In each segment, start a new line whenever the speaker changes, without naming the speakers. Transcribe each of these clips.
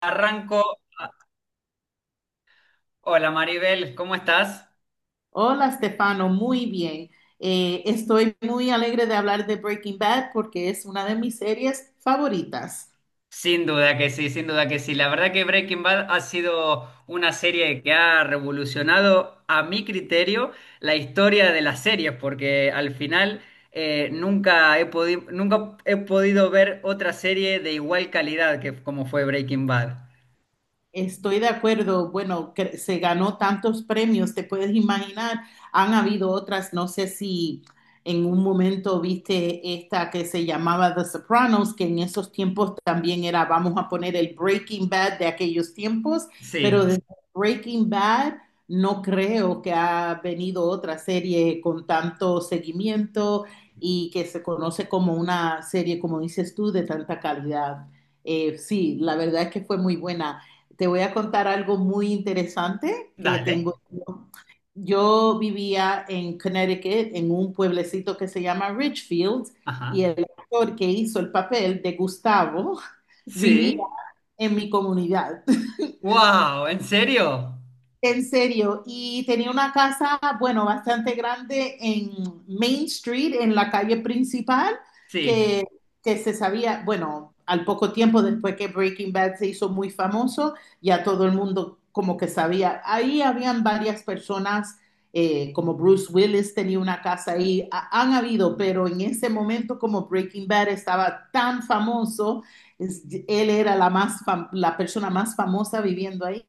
Arranco. Hola Maribel, ¿cómo estás?
Hola, Stefano, muy bien. Estoy muy alegre de hablar de Breaking Bad porque es una de mis series favoritas.
Sin duda que sí, sin duda que sí. La verdad que Breaking Bad ha sido una serie que ha revolucionado, a mi criterio, la historia de las series, porque al final nunca he podido, nunca he podido ver otra serie de igual calidad que como fue Breaking Bad.
Estoy de acuerdo. Bueno, que se ganó tantos premios, te puedes imaginar. Han habido otras, no sé si en un momento viste esta que se llamaba The Sopranos, que en esos tiempos también era, vamos a poner el Breaking Bad de aquellos tiempos, pero
Sí,
desde Breaking Bad no creo que ha venido otra serie con tanto seguimiento y que se conoce como una serie, como dices tú, de tanta calidad. Sí, la verdad es que fue muy buena. Te voy a contar algo muy interesante que
dale.
tengo. Yo vivía en Connecticut, en un pueblecito que se llama Richfield, y
Ajá.
el actor que hizo el papel de Gustavo vivía
Sí.
en mi comunidad.
Wow, ¿en serio?
En serio, y tenía una casa, bueno, bastante grande en Main Street, en la calle principal,
Sí.
que, que se sabía, bueno, al poco tiempo después que Breaking Bad se hizo muy famoso, ya todo el mundo como que sabía. Ahí habían varias personas, como Bruce Willis tenía una casa ahí. Han habido, pero en ese momento como Breaking Bad estaba tan famoso, él era la, la persona más famosa viviendo ahí.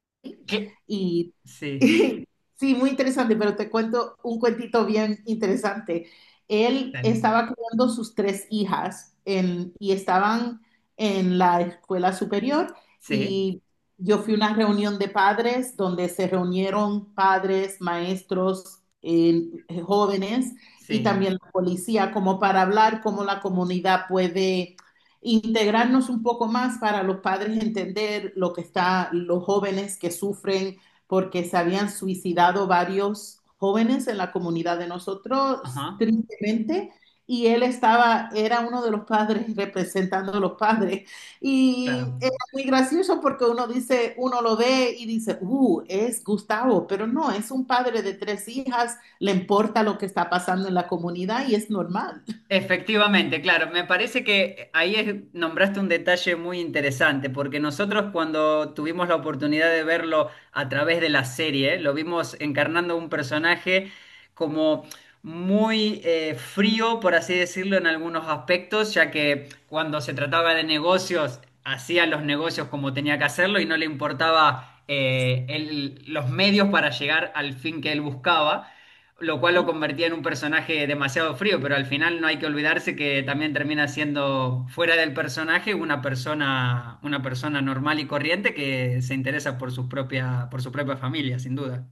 ¿Qué?
Y
Sí.
sí, muy interesante, pero te cuento un cuentito bien interesante. Él
Dale.
estaba criando sus tres hijas y estaban en la escuela superior
Sí.
y yo fui a una reunión de padres donde se reunieron padres, maestros, jóvenes y
Sí.
también la policía como para hablar cómo la comunidad puede integrarnos un poco más para los padres entender lo que está, los jóvenes que sufren porque se habían suicidado varios jóvenes en la comunidad de nosotros,
Ajá.
tristemente, y él estaba, era uno de los padres representando a los padres. Y
Claro.
era muy gracioso porque uno dice, uno lo ve y dice, es Gustavo, pero no, es un padre de tres hijas, le importa lo que está pasando en la comunidad y es normal.
Efectivamente, claro. Me parece que ahí nombraste un detalle muy interesante, porque nosotros cuando tuvimos la oportunidad de verlo a través de la serie, lo vimos encarnando un personaje como muy frío, por así decirlo, en algunos aspectos, ya que cuando se trataba de negocios, hacía los negocios como tenía que hacerlo y no le importaba los medios para llegar al fin que él buscaba. Lo cual lo convertía en un personaje demasiado frío, pero al final no hay que olvidarse que también termina siendo fuera del personaje una persona normal y corriente que se interesa por su propia familia, sin duda.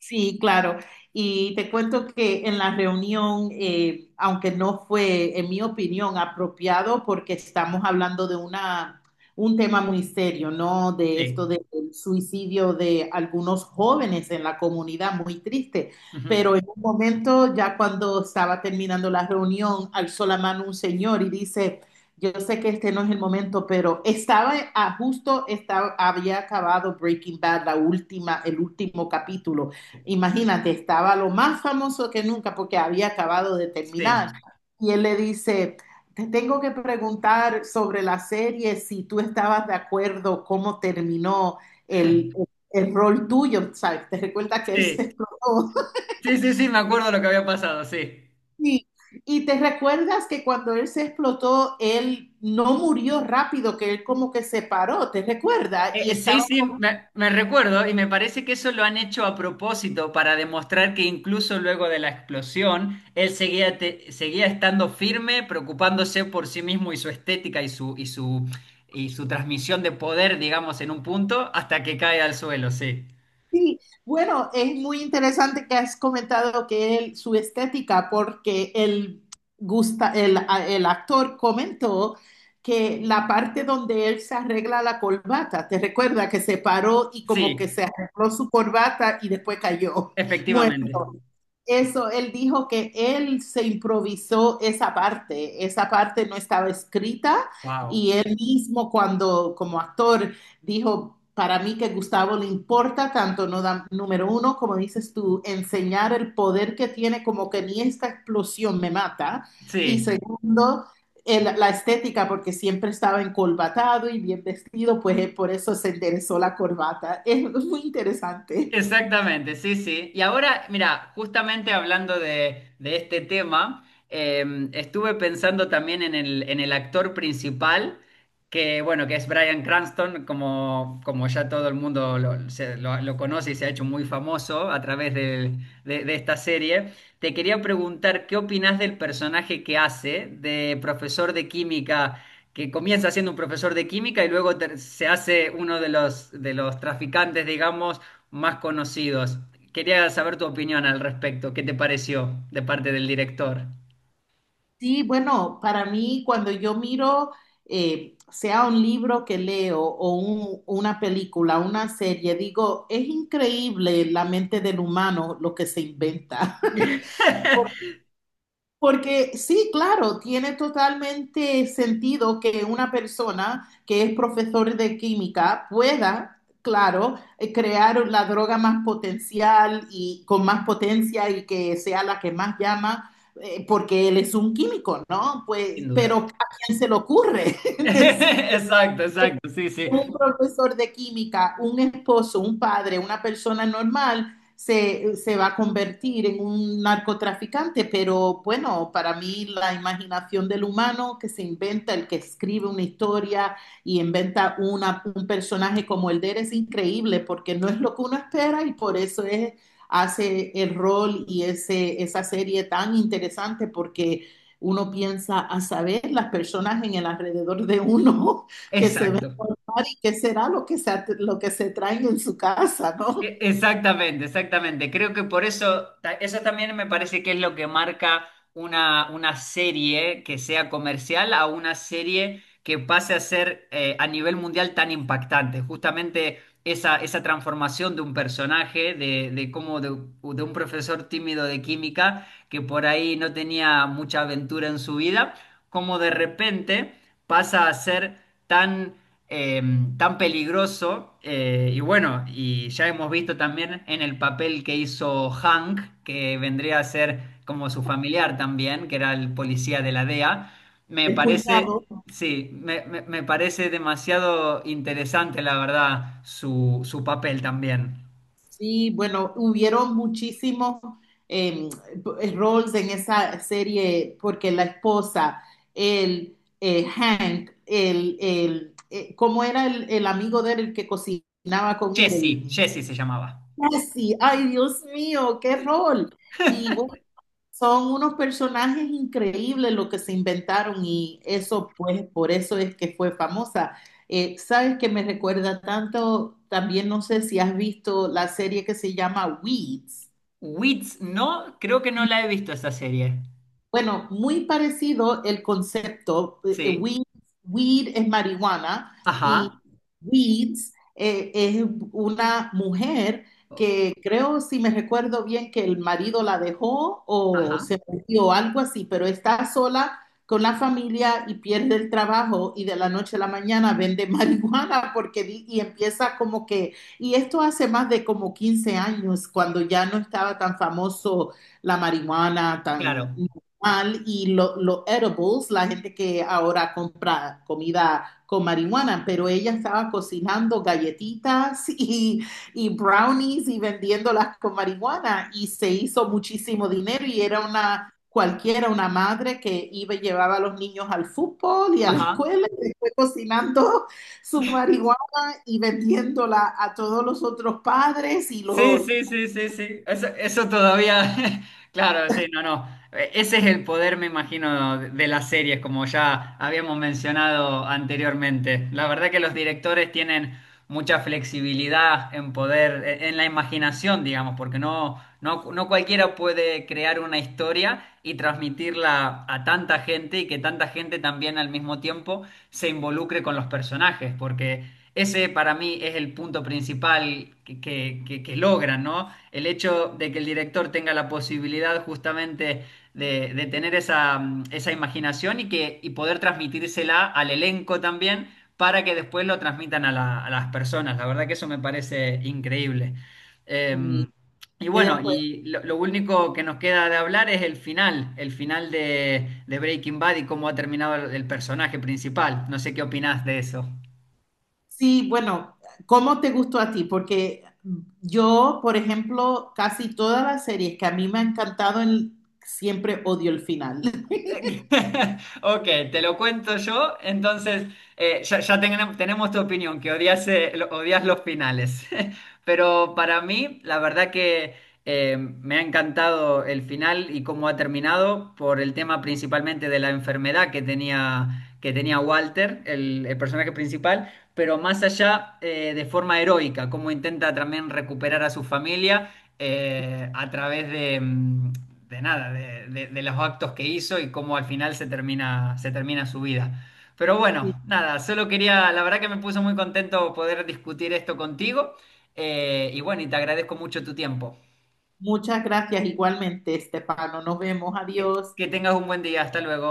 Sí, claro. Y te cuento que en la reunión, aunque no fue, en mi opinión, apropiado, porque estamos hablando de una, un tema muy serio, ¿no? De
Sí.
esto del suicidio de algunos jóvenes en la comunidad, muy triste.
Ujú.
Pero en un momento, ya cuando estaba terminando la reunión, alzó la mano un señor y dice, yo sé que este no es el momento, pero justo, estaba, había acabado Breaking Bad, la última, el último capítulo. Imagínate, estaba lo más famoso que nunca porque había acabado de
Sí,
terminar. Y él le dice, te tengo que preguntar sobre la serie, si tú estabas de acuerdo cómo terminó el, el rol tuyo, ¿sabes? ¿Te recuerdas que él se
sí.
explotó?
Sí, sí, sí, me acuerdo lo que había pasado, sí.
Sí. Y te recuerdas que cuando él se explotó, él no murió rápido, que él como que se paró, ¿te recuerdas? Y
Sí,
estaba.
sí, me recuerdo y me parece que eso lo han hecho a propósito para demostrar que incluso luego de la explosión, él seguía, seguía estando firme, preocupándose por sí mismo y su estética y su transmisión de poder, digamos, en un punto, hasta que cae al suelo, sí.
Sí, bueno, es muy interesante que has comentado que él, su estética, porque el, gusta, el actor comentó que la parte donde él se arregla la corbata, te recuerda que se paró y como que
Sí,
se arregló su corbata y después cayó. Bueno,
efectivamente.
eso, él dijo que él se improvisó esa parte no estaba escrita
Wow.
y él mismo cuando como actor dijo, para mí que Gustavo le importa tanto, no da- número uno, como dices tú, enseñar el poder que tiene, como que ni esta explosión me mata. Y
Sí.
segundo, la estética, porque siempre estaba encolbatado y bien vestido, pues por eso se interesó la corbata. Es muy interesante.
Exactamente, sí, sí. Y ahora, mira, justamente hablando de este tema, estuve pensando también en en el actor principal, que bueno, que es Bryan Cranston, como ya todo el mundo lo conoce y se ha hecho muy famoso a través de esta serie. Te quería preguntar, ¿qué opinás del personaje que hace de profesor de química? Que comienza siendo un profesor de química y luego se hace uno de de los traficantes, digamos, más conocidos. Quería saber tu opinión al respecto. ¿Qué te pareció de parte del director?
Sí, bueno, para mí cuando yo miro, sea un libro que leo o una película, una serie, digo, es increíble la mente del humano lo que se inventa. Porque sí, claro, tiene totalmente sentido que una persona que es profesor de química pueda, claro, crear la droga más potencial y con más potencia y que sea la que más llama, porque él es un químico, ¿no? Pues,
Sin
pero
duda.
¿a quién se le ocurre decir
Exacto, exacto, sí, sí,
un profesor de química, un esposo, un padre, una persona normal, se va a convertir en un narcotraficante, pero bueno, para mí la imaginación del humano que se inventa, el que escribe una historia y inventa un personaje como el de él es increíble porque no es lo que uno espera y por eso es, hace el rol y ese, esa serie tan interesante porque uno piensa a saber las personas en el alrededor de uno que se ven
exacto.
y qué será lo que se traen en su casa, ¿no?
Exactamente, exactamente. Creo que por eso, eso también me parece que es lo que marca una serie que sea comercial a una serie que pase a ser a nivel mundial tan impactante. Justamente esa transformación de un personaje, de un profesor tímido de química que por ahí no tenía mucha aventura en su vida, como de repente pasa a ser tan eh, tan peligroso. Y bueno, y ya hemos visto también en el papel que hizo Hank, que vendría a ser como su familiar también, que era el policía de la DEA. Me
El
parece,
cuñado.
sí, me- me parece demasiado interesante, la verdad, su papel también.
Sí, bueno, hubieron muchísimos eh, roles en esa serie porque la esposa, el Hank, el ¿cómo era el amigo de él el que cocinaba con él? El
Jesse, Jesse se llamaba.
Jesse, ay Dios mío, qué rol. Y bueno, son unos personajes increíbles lo que se inventaron y eso, pues, por eso es que fue famosa. ¿Sabes que me recuerda tanto? También no sé si has visto la serie que se llama Weeds.
Wits, no, creo que no la he visto esta serie.
Bueno, muy parecido el concepto.
Sí,
Weed, weed es marihuana y
ajá,
Weeds es una mujer que creo, si me recuerdo bien, que el marido la dejó o
ajá,
se murió o algo así, pero está sola con la familia y pierde el trabajo y de la noche a la mañana vende marihuana porque y empieza como que, y esto hace más de como 15 años, cuando ya no estaba tan famoso la marihuana, tan
claro,
mal y los lo edibles, la gente que ahora compra comida con marihuana, pero ella estaba cocinando galletitas y brownies y vendiéndolas con marihuana y se hizo muchísimo dinero y era una cualquiera, una madre que iba y llevaba a los niños al fútbol y a la
ajá.
escuela y después cocinando su marihuana y vendiéndola a todos los otros padres y
Sí,
los...
sí, sí, sí, sí. Eso todavía, claro, sí, no, no. Ese es el poder, me imagino, de las series, como ya habíamos mencionado anteriormente. La verdad que los directores tienen mucha flexibilidad en poder, en la imaginación, digamos, porque no, no, no cualquiera puede crear una historia y transmitirla a tanta gente y que tanta gente también al mismo tiempo se involucre con los personajes, porque ese para mí es el punto principal que logran, ¿no? El hecho de que el director tenga la posibilidad justamente de tener esa, esa imaginación y poder transmitírsela al elenco también para que después lo transmitan a las personas. La verdad que eso me parece increíble. Eh,
y-
y
estoy de
bueno,
acuerdo.
lo único que nos queda de hablar es el final de Breaking Bad y cómo ha terminado el personaje principal. No sé qué opinás de eso.
Sí, bueno, ¿cómo te gustó a ti? Porque yo, por ejemplo, casi todas las series que a mí me han encantado, siempre odio el final.
Ok, te lo cuento yo. Entonces, ya tenemos, tenemos tu opinión, que odias, odias los finales. Pero para mí, la verdad que me ha encantado el final y cómo ha terminado por el tema principalmente de la enfermedad que tenía Walter, el personaje principal, pero más allá de forma heroica, cómo intenta también recuperar a su familia a través de, mm, de nada, de los actos que hizo y cómo al final se termina su vida. Pero bueno, nada, solo quería, la verdad que me puso muy contento poder discutir esto contigo. Y bueno, y te agradezco mucho tu tiempo.
Muchas gracias igualmente, Estefano. Nos vemos.
que
Adiós.
que tengas un buen día, hasta luego.